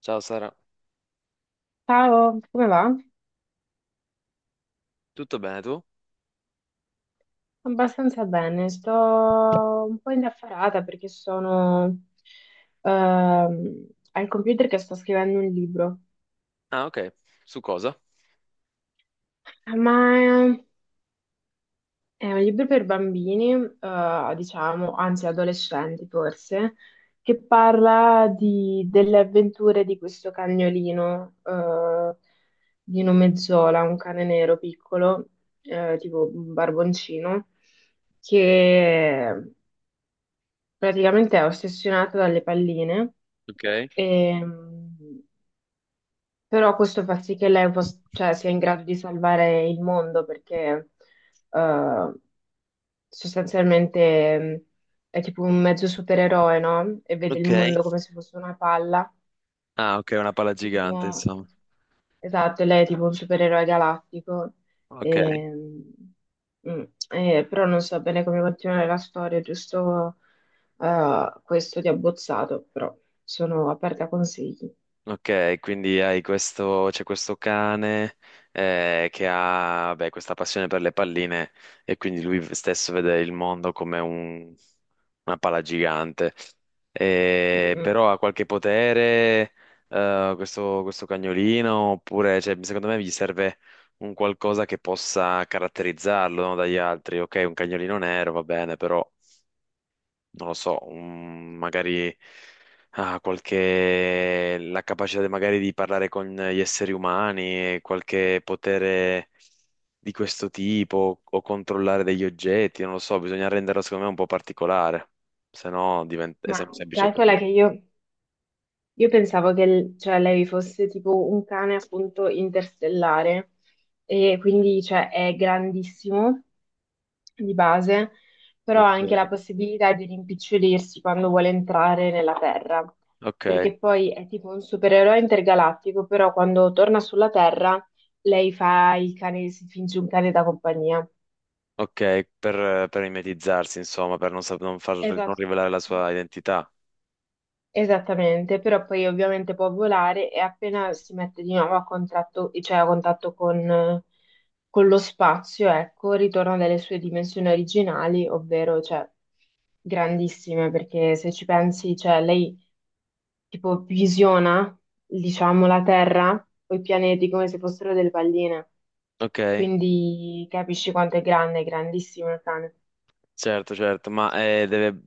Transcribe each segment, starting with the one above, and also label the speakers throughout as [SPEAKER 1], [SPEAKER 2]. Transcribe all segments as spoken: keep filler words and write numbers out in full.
[SPEAKER 1] Ciao Sara,
[SPEAKER 2] Ciao, come va?
[SPEAKER 1] tutto bene tu?
[SPEAKER 2] Abbastanza bene, sto un po' indaffarata perché sono ehm, al computer che sto scrivendo un libro,
[SPEAKER 1] Ah, ok. Su cosa?
[SPEAKER 2] ma eh, è un libro per bambini, eh, diciamo, anzi adolescenti forse, che parla di- delle avventure di questo cagnolino eh, di nome Zola, un cane nero piccolo, eh, tipo un barboncino che praticamente è ossessionata dalle palline,
[SPEAKER 1] Ok.
[SPEAKER 2] ehm, però questo fa sì che lei pos- cioè, sia in grado di salvare il mondo perché eh, sostanzialmente mh, è tipo un mezzo supereroe, no? E vede il
[SPEAKER 1] Ok,
[SPEAKER 2] mondo come se fosse una palla.
[SPEAKER 1] ah, ok, una pala gigante,
[SPEAKER 2] Tipo-
[SPEAKER 1] insomma.
[SPEAKER 2] Esatto, lei è tipo un supereroe galattico,
[SPEAKER 1] Ok.
[SPEAKER 2] e, mm, e- però non so bene come continuare la storia, giusto eh, questo di abbozzato, però sono aperta a consigli.
[SPEAKER 1] Ok, quindi hai questo, c'è questo cane eh, che ha, beh, questa passione per le palline e quindi lui stesso vede il mondo come un- una palla gigante.
[SPEAKER 2] Mm,
[SPEAKER 1] Eh,
[SPEAKER 2] mm.
[SPEAKER 1] però ha qualche potere eh, questo, questo cagnolino, oppure cioè, secondo me gli serve un qualcosa che possa caratterizzarlo, no, dagli altri. Ok, un cagnolino nero va bene, però non lo so, un- magari ah, qualche, la capacità de- magari di parlare con gli esseri umani, qualche potere di questo tipo o controllare degli oggetti, non lo so, bisogna renderlo secondo me un po' particolare, se no diventa, è
[SPEAKER 2] Ma
[SPEAKER 1] sem- semplice
[SPEAKER 2] calcola che
[SPEAKER 1] condominio.
[SPEAKER 2] io. Io pensavo che l- cioè, lei fosse tipo un cane appunto interstellare e quindi cioè, è grandissimo di base, però ha
[SPEAKER 1] Ok,
[SPEAKER 2] anche la possibilità di rimpicciolirsi quando vuole entrare nella Terra,
[SPEAKER 1] ok,
[SPEAKER 2] perché poi è tipo un supereroe intergalattico, però quando torna sulla Terra lei fa il cane, si finge un cane da compagnia.
[SPEAKER 1] ok, per, per mimetizzarsi, insomma, per non, sap- non far- non
[SPEAKER 2] Esatto.
[SPEAKER 1] rivelare la sua identità.
[SPEAKER 2] Esattamente, però poi ovviamente può volare e appena si mette di nuovo a contratto- cioè a contatto con, con lo spazio, ecco, ritorna nelle sue dimensioni originali, ovvero cioè, grandissime, perché se ci pensi, cioè, lei tipo visiona, diciamo, la Terra o i pianeti come se fossero delle palline,
[SPEAKER 1] Ok.
[SPEAKER 2] quindi capisci quanto è grande, è grandissimo il cane.
[SPEAKER 1] Certo, certo, ma eh, deve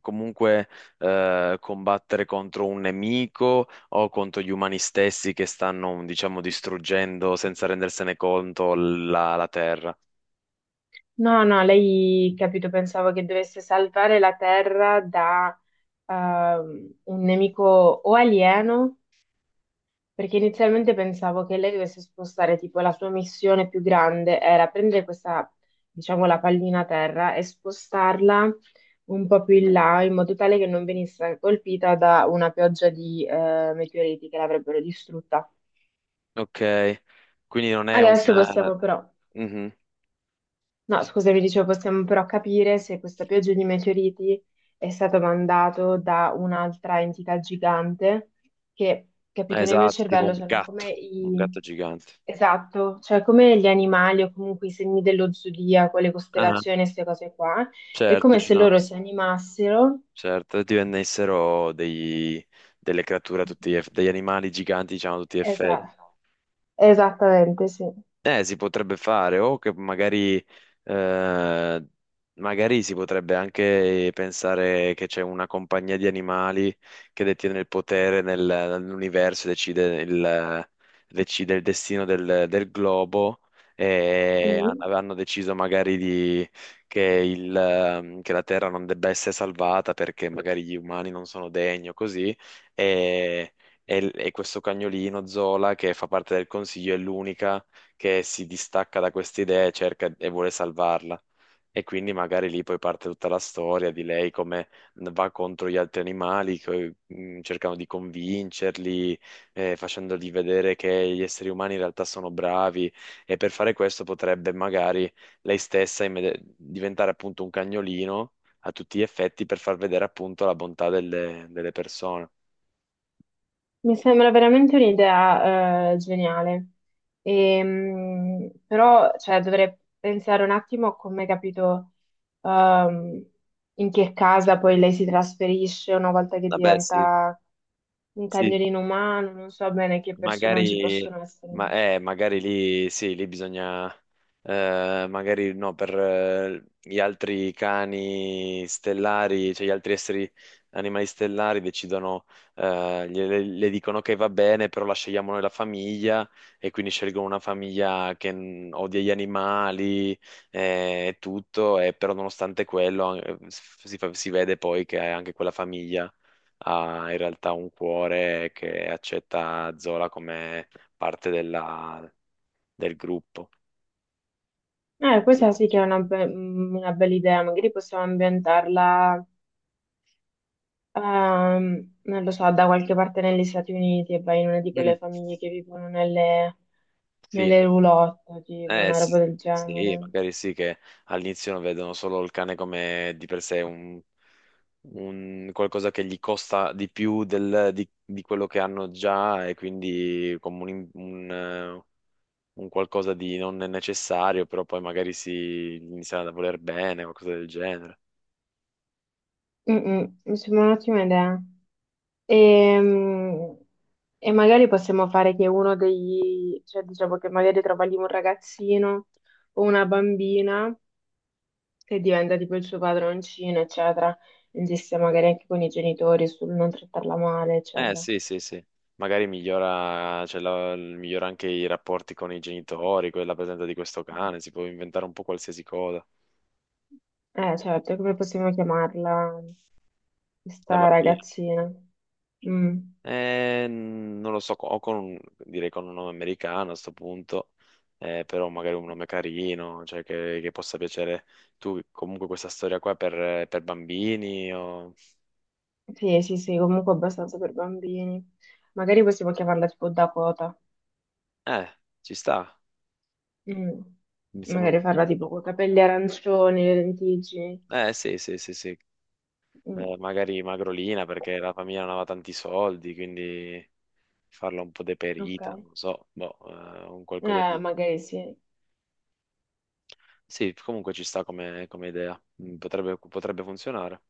[SPEAKER 1] comunque eh, combattere contro un nemico o contro gli umani stessi che stanno, diciamo, distruggendo senza rendersene conto la, la Terra.
[SPEAKER 2] No, no, lei, capito, pensavo che dovesse salvare la Terra da ehm, un nemico o alieno, perché inizialmente pensavo che lei dovesse spostare, tipo, la sua missione più grande era prendere questa, diciamo, la pallina Terra e spostarla un po' più in là, in modo tale che non venisse colpita da una pioggia di eh, meteoriti che l'avrebbero distrutta.
[SPEAKER 1] Ok, quindi non è un...
[SPEAKER 2] Adesso
[SPEAKER 1] eh,
[SPEAKER 2] possiamo però...
[SPEAKER 1] mhm,
[SPEAKER 2] No, scusami, dicevo, possiamo però capire se questa pioggia di meteoriti è stata mandata da un'altra entità gigante che, capito, nel mio
[SPEAKER 1] esatto, tipo un
[SPEAKER 2] cervello sono
[SPEAKER 1] gatto,
[SPEAKER 2] come
[SPEAKER 1] un gatto
[SPEAKER 2] i...
[SPEAKER 1] gigante.
[SPEAKER 2] Esatto, cioè come gli animali o comunque i segni dello zodiaco, le
[SPEAKER 1] Ah,
[SPEAKER 2] costellazioni, queste cose qua, è
[SPEAKER 1] certo,
[SPEAKER 2] come
[SPEAKER 1] ci
[SPEAKER 2] se
[SPEAKER 1] sono-
[SPEAKER 2] loro si animassero.
[SPEAKER 1] certo, divennessero dei- delle creature, a tutti gli eff- degli animali giganti, diciamo, a tutti gli effetti.
[SPEAKER 2] Esatto, esattamente, sì.
[SPEAKER 1] Eh, si potrebbe fare, o che magari, eh, magari si potrebbe anche pensare che c'è una compagnia di animali che detiene il potere nel- nell'universo e decide il, decide il destino del, del globo e han-
[SPEAKER 2] Mm.
[SPEAKER 1] hanno deciso magari di- che, il, ehm, che la Terra non debba essere salvata perché magari gli umani non sono degni o così e, e e questo cagnolino Zola, che fa parte del consiglio, è l'unica che si distacca da queste idee e cerca e vuole salvarla. E quindi magari lì poi parte tutta la storia di lei come va contro gli altri animali, che, mm, cercano di convincerli, eh, facendogli vedere che gli esseri umani in realtà sono bravi, e per fare questo potrebbe magari lei stessa immedi- diventare appunto un cagnolino a tutti gli effetti per far vedere appunto la bontà delle, delle persone.
[SPEAKER 2] Mi sembra veramente un'idea eh, geniale. Ehm, però cioè, dovrei pensare un attimo a come capito ehm, in che casa poi lei si trasferisce una volta che
[SPEAKER 1] Vabbè, sì,
[SPEAKER 2] diventa un
[SPEAKER 1] sì,
[SPEAKER 2] cagnolino umano, non so bene che personaggi
[SPEAKER 1] magari,
[SPEAKER 2] possono
[SPEAKER 1] ma,
[SPEAKER 2] essere.
[SPEAKER 1] eh, magari lì sì, lì bisogna, eh, magari no, per eh, gli altri cani stellari, cioè gli altri esseri animali stellari decidono, eh, gliele- le, dicono che va bene, però la scegliamo noi la famiglia, e quindi scelgono una famiglia che, mm, odia gli animali, eh, e tutto, e però nonostante quello, eh, si fa- si vede poi che anche quella famiglia ha in realtà un cuore che accetta Zola come parte della- del gruppo.
[SPEAKER 2] Eh, questa sì che è una, be- mm, una bella idea, magari possiamo ambientarla. Ehm, non lo so, da qualche parte negli Stati Uniti e vai in una di
[SPEAKER 1] Mm.
[SPEAKER 2] quelle famiglie che vivono nelle,
[SPEAKER 1] Sì,
[SPEAKER 2] nelle
[SPEAKER 1] nel-
[SPEAKER 2] roulotte, tipo
[SPEAKER 1] eh,
[SPEAKER 2] una roba
[SPEAKER 1] sì,
[SPEAKER 2] del
[SPEAKER 1] sì,
[SPEAKER 2] genere.
[SPEAKER 1] magari sì che all'inizio vedono solo il cane come di per sé un, un qualcosa che gli costa di più del- di, di quello che hanno già, e quindi come un, un, eh, un qualcosa di non necessario, però poi magari si iniziano a voler bene o qualcosa del genere.
[SPEAKER 2] Mm, mm, mi sembra un'ottima idea. Ehm, E, magari possiamo fare che uno degli, cioè diciamo che magari trova lì un ragazzino o una bambina che diventa tipo il suo padroncino, eccetera. Insiste magari anche con i genitori sul non trattarla male,
[SPEAKER 1] Eh
[SPEAKER 2] eccetera.
[SPEAKER 1] sì, sì, sì. Magari migliora, cioè, la- migliora anche i rapporti con i genitori, quella presenza di questo cane, si può inventare un po' qualsiasi cosa.
[SPEAKER 2] Eh, certo, come possiamo chiamarla
[SPEAKER 1] La
[SPEAKER 2] questa
[SPEAKER 1] bambina.
[SPEAKER 2] ragazzina? Mm.
[SPEAKER 1] Eh, non lo so, o con, un- direi con un nome americano a sto punto, eh, però magari un nome carino, cioè che, che possa piacere. Tu comunque questa storia qua è per, per bambini o...
[SPEAKER 2] Sì, sì, sì, comunque abbastanza per bambini. Magari possiamo chiamarla tipo Dakota.
[SPEAKER 1] Eh, ci sta,
[SPEAKER 2] Mm.
[SPEAKER 1] mi sembra...
[SPEAKER 2] Magari farla tipo con capelli arancioni, le lentiggini.
[SPEAKER 1] Eh sì, sì, sì, sì.
[SPEAKER 2] Mm.
[SPEAKER 1] Eh, magari Magrolina perché la famiglia non aveva tanti soldi, quindi... farla un po'
[SPEAKER 2] Ok.
[SPEAKER 1] deperita, non so, boh, eh, un qualcosa
[SPEAKER 2] Eh,
[SPEAKER 1] di...
[SPEAKER 2] magari sì.
[SPEAKER 1] Sì, comunque ci sta come, come idea. Mm, potrebbe, potrebbe funzionare.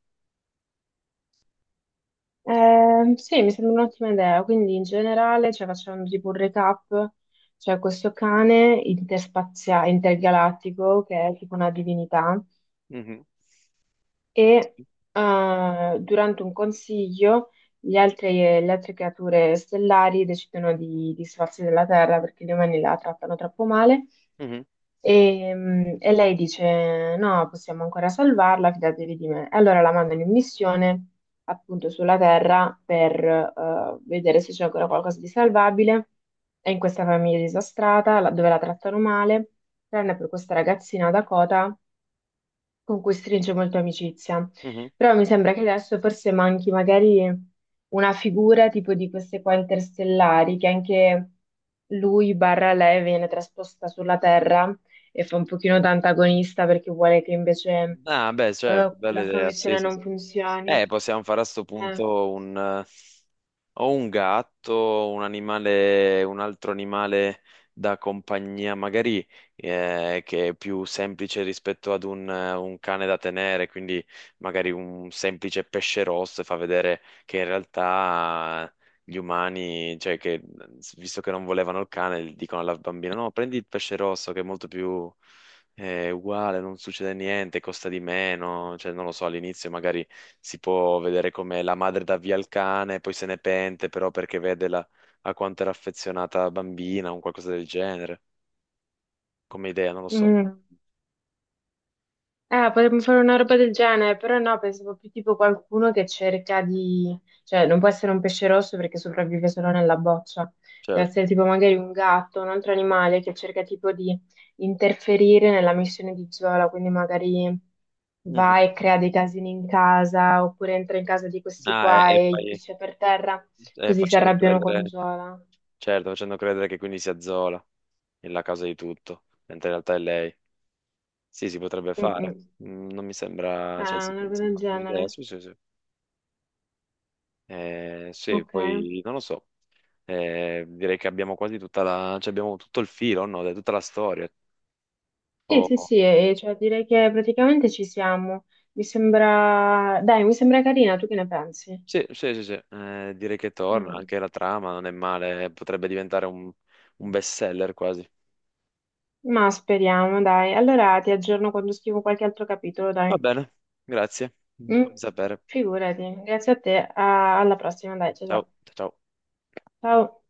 [SPEAKER 2] Ehm, sì, mi sembra un'ottima idea. Quindi in generale, cioè, facciamo tipo un recap, cioè questo cane interspaziale, intergalattico, che è tipo una divinità,
[SPEAKER 1] Mhm.
[SPEAKER 2] e
[SPEAKER 1] Sì.
[SPEAKER 2] eh, durante un consiglio gli altri- le altre creature stellari decidono di di sfarsi della Terra perché gli umani la trattano troppo male
[SPEAKER 1] Mhm.
[SPEAKER 2] e, mm, e lei dice: "No, possiamo ancora salvarla, fidatevi di me". E allora la mandano in missione appunto sulla Terra per eh, vedere se c'è ancora qualcosa di salvabile. È in questa famiglia disastrata la- dove la trattano male, tranne per questa ragazzina Dakota con cui stringe molto amicizia.
[SPEAKER 1] Mhm.
[SPEAKER 2] Però mi sembra che adesso forse manchi magari una figura tipo di queste qua interstellari, che anche lui barra lei viene trasposta sulla Terra e fa un pochino da antagonista perché vuole che invece
[SPEAKER 1] Ah, beh, certo,
[SPEAKER 2] eh,
[SPEAKER 1] bella
[SPEAKER 2] la sua
[SPEAKER 1] idea, sì,
[SPEAKER 2] missione
[SPEAKER 1] sì, sì.
[SPEAKER 2] non funzioni.
[SPEAKER 1] Eh, possiamo fare a sto
[SPEAKER 2] Eh.
[SPEAKER 1] punto un, ho un gatto, un animale, un altro animale da compagnia, magari eh, che è più semplice rispetto ad un, eh, un cane da tenere, quindi magari un semplice pesce rosso, e fa vedere che in realtà gli umani, cioè che, visto che non volevano il cane, dicono alla bambina: no, prendi il pesce rosso che è molto più. È uguale, non succede niente, costa di meno, cioè non lo so, all'inizio magari si può vedere come la madre dà via il cane, poi se ne pente però perché vede la- a quanto era affezionata la bambina o un qualcosa del genere, come idea, non lo so.
[SPEAKER 2] Mm. Eh, potremmo fare una roba del genere, però no, pensavo più tipo qualcuno che cerca di... cioè non può essere un pesce rosso perché sopravvive solo nella boccia, deve
[SPEAKER 1] Certo.
[SPEAKER 2] essere tipo magari un gatto, un altro animale che cerca tipo di interferire nella missione di Zola, quindi magari va
[SPEAKER 1] Mhm.
[SPEAKER 2] e crea dei casini in casa, oppure entra in casa di questi
[SPEAKER 1] Ah, e,
[SPEAKER 2] qua
[SPEAKER 1] e
[SPEAKER 2] e gli
[SPEAKER 1] poi,
[SPEAKER 2] piscia per terra,
[SPEAKER 1] e
[SPEAKER 2] così si
[SPEAKER 1] facendo
[SPEAKER 2] arrabbiano con
[SPEAKER 1] credere,
[SPEAKER 2] Zola.
[SPEAKER 1] certo, facendo credere che quindi sia Zola la causa di tutto, mentre in realtà è lei. Sì, si potrebbe fare.
[SPEAKER 2] Mm-mm.
[SPEAKER 1] Mm, non mi
[SPEAKER 2] Eh,
[SPEAKER 1] sembra, cioè, si
[SPEAKER 2] una
[SPEAKER 1] mi
[SPEAKER 2] roba del
[SPEAKER 1] sembra un'idea,
[SPEAKER 2] genere.
[SPEAKER 1] sì, sì, sì. Eh, sì,
[SPEAKER 2] Ok.
[SPEAKER 1] poi non lo so. Eh, direi che abbiamo quasi tutta la, cioè abbiamo tutto il filo, no? Dai, tutta la storia.
[SPEAKER 2] Sì, sì,
[SPEAKER 1] Oh,
[SPEAKER 2] sì, e e cioè direi che praticamente ci siamo. Mi sembra, dai, mi sembra carina, tu che ne pensi?
[SPEAKER 1] sì, sì, sì, sì. Eh, direi che torna,
[SPEAKER 2] Mm.
[SPEAKER 1] anche la trama non è male, potrebbe diventare un, un best seller quasi.
[SPEAKER 2] Ma speriamo, dai. Allora ti aggiorno quando scrivo qualche altro capitolo,
[SPEAKER 1] Va
[SPEAKER 2] dai.
[SPEAKER 1] bene, grazie,
[SPEAKER 2] Mm.
[SPEAKER 1] fammi sapere.
[SPEAKER 2] Figurati, grazie a te, a- alla prossima, dai, ciao
[SPEAKER 1] Ciao,
[SPEAKER 2] ciao.
[SPEAKER 1] ciao.
[SPEAKER 2] Ciao.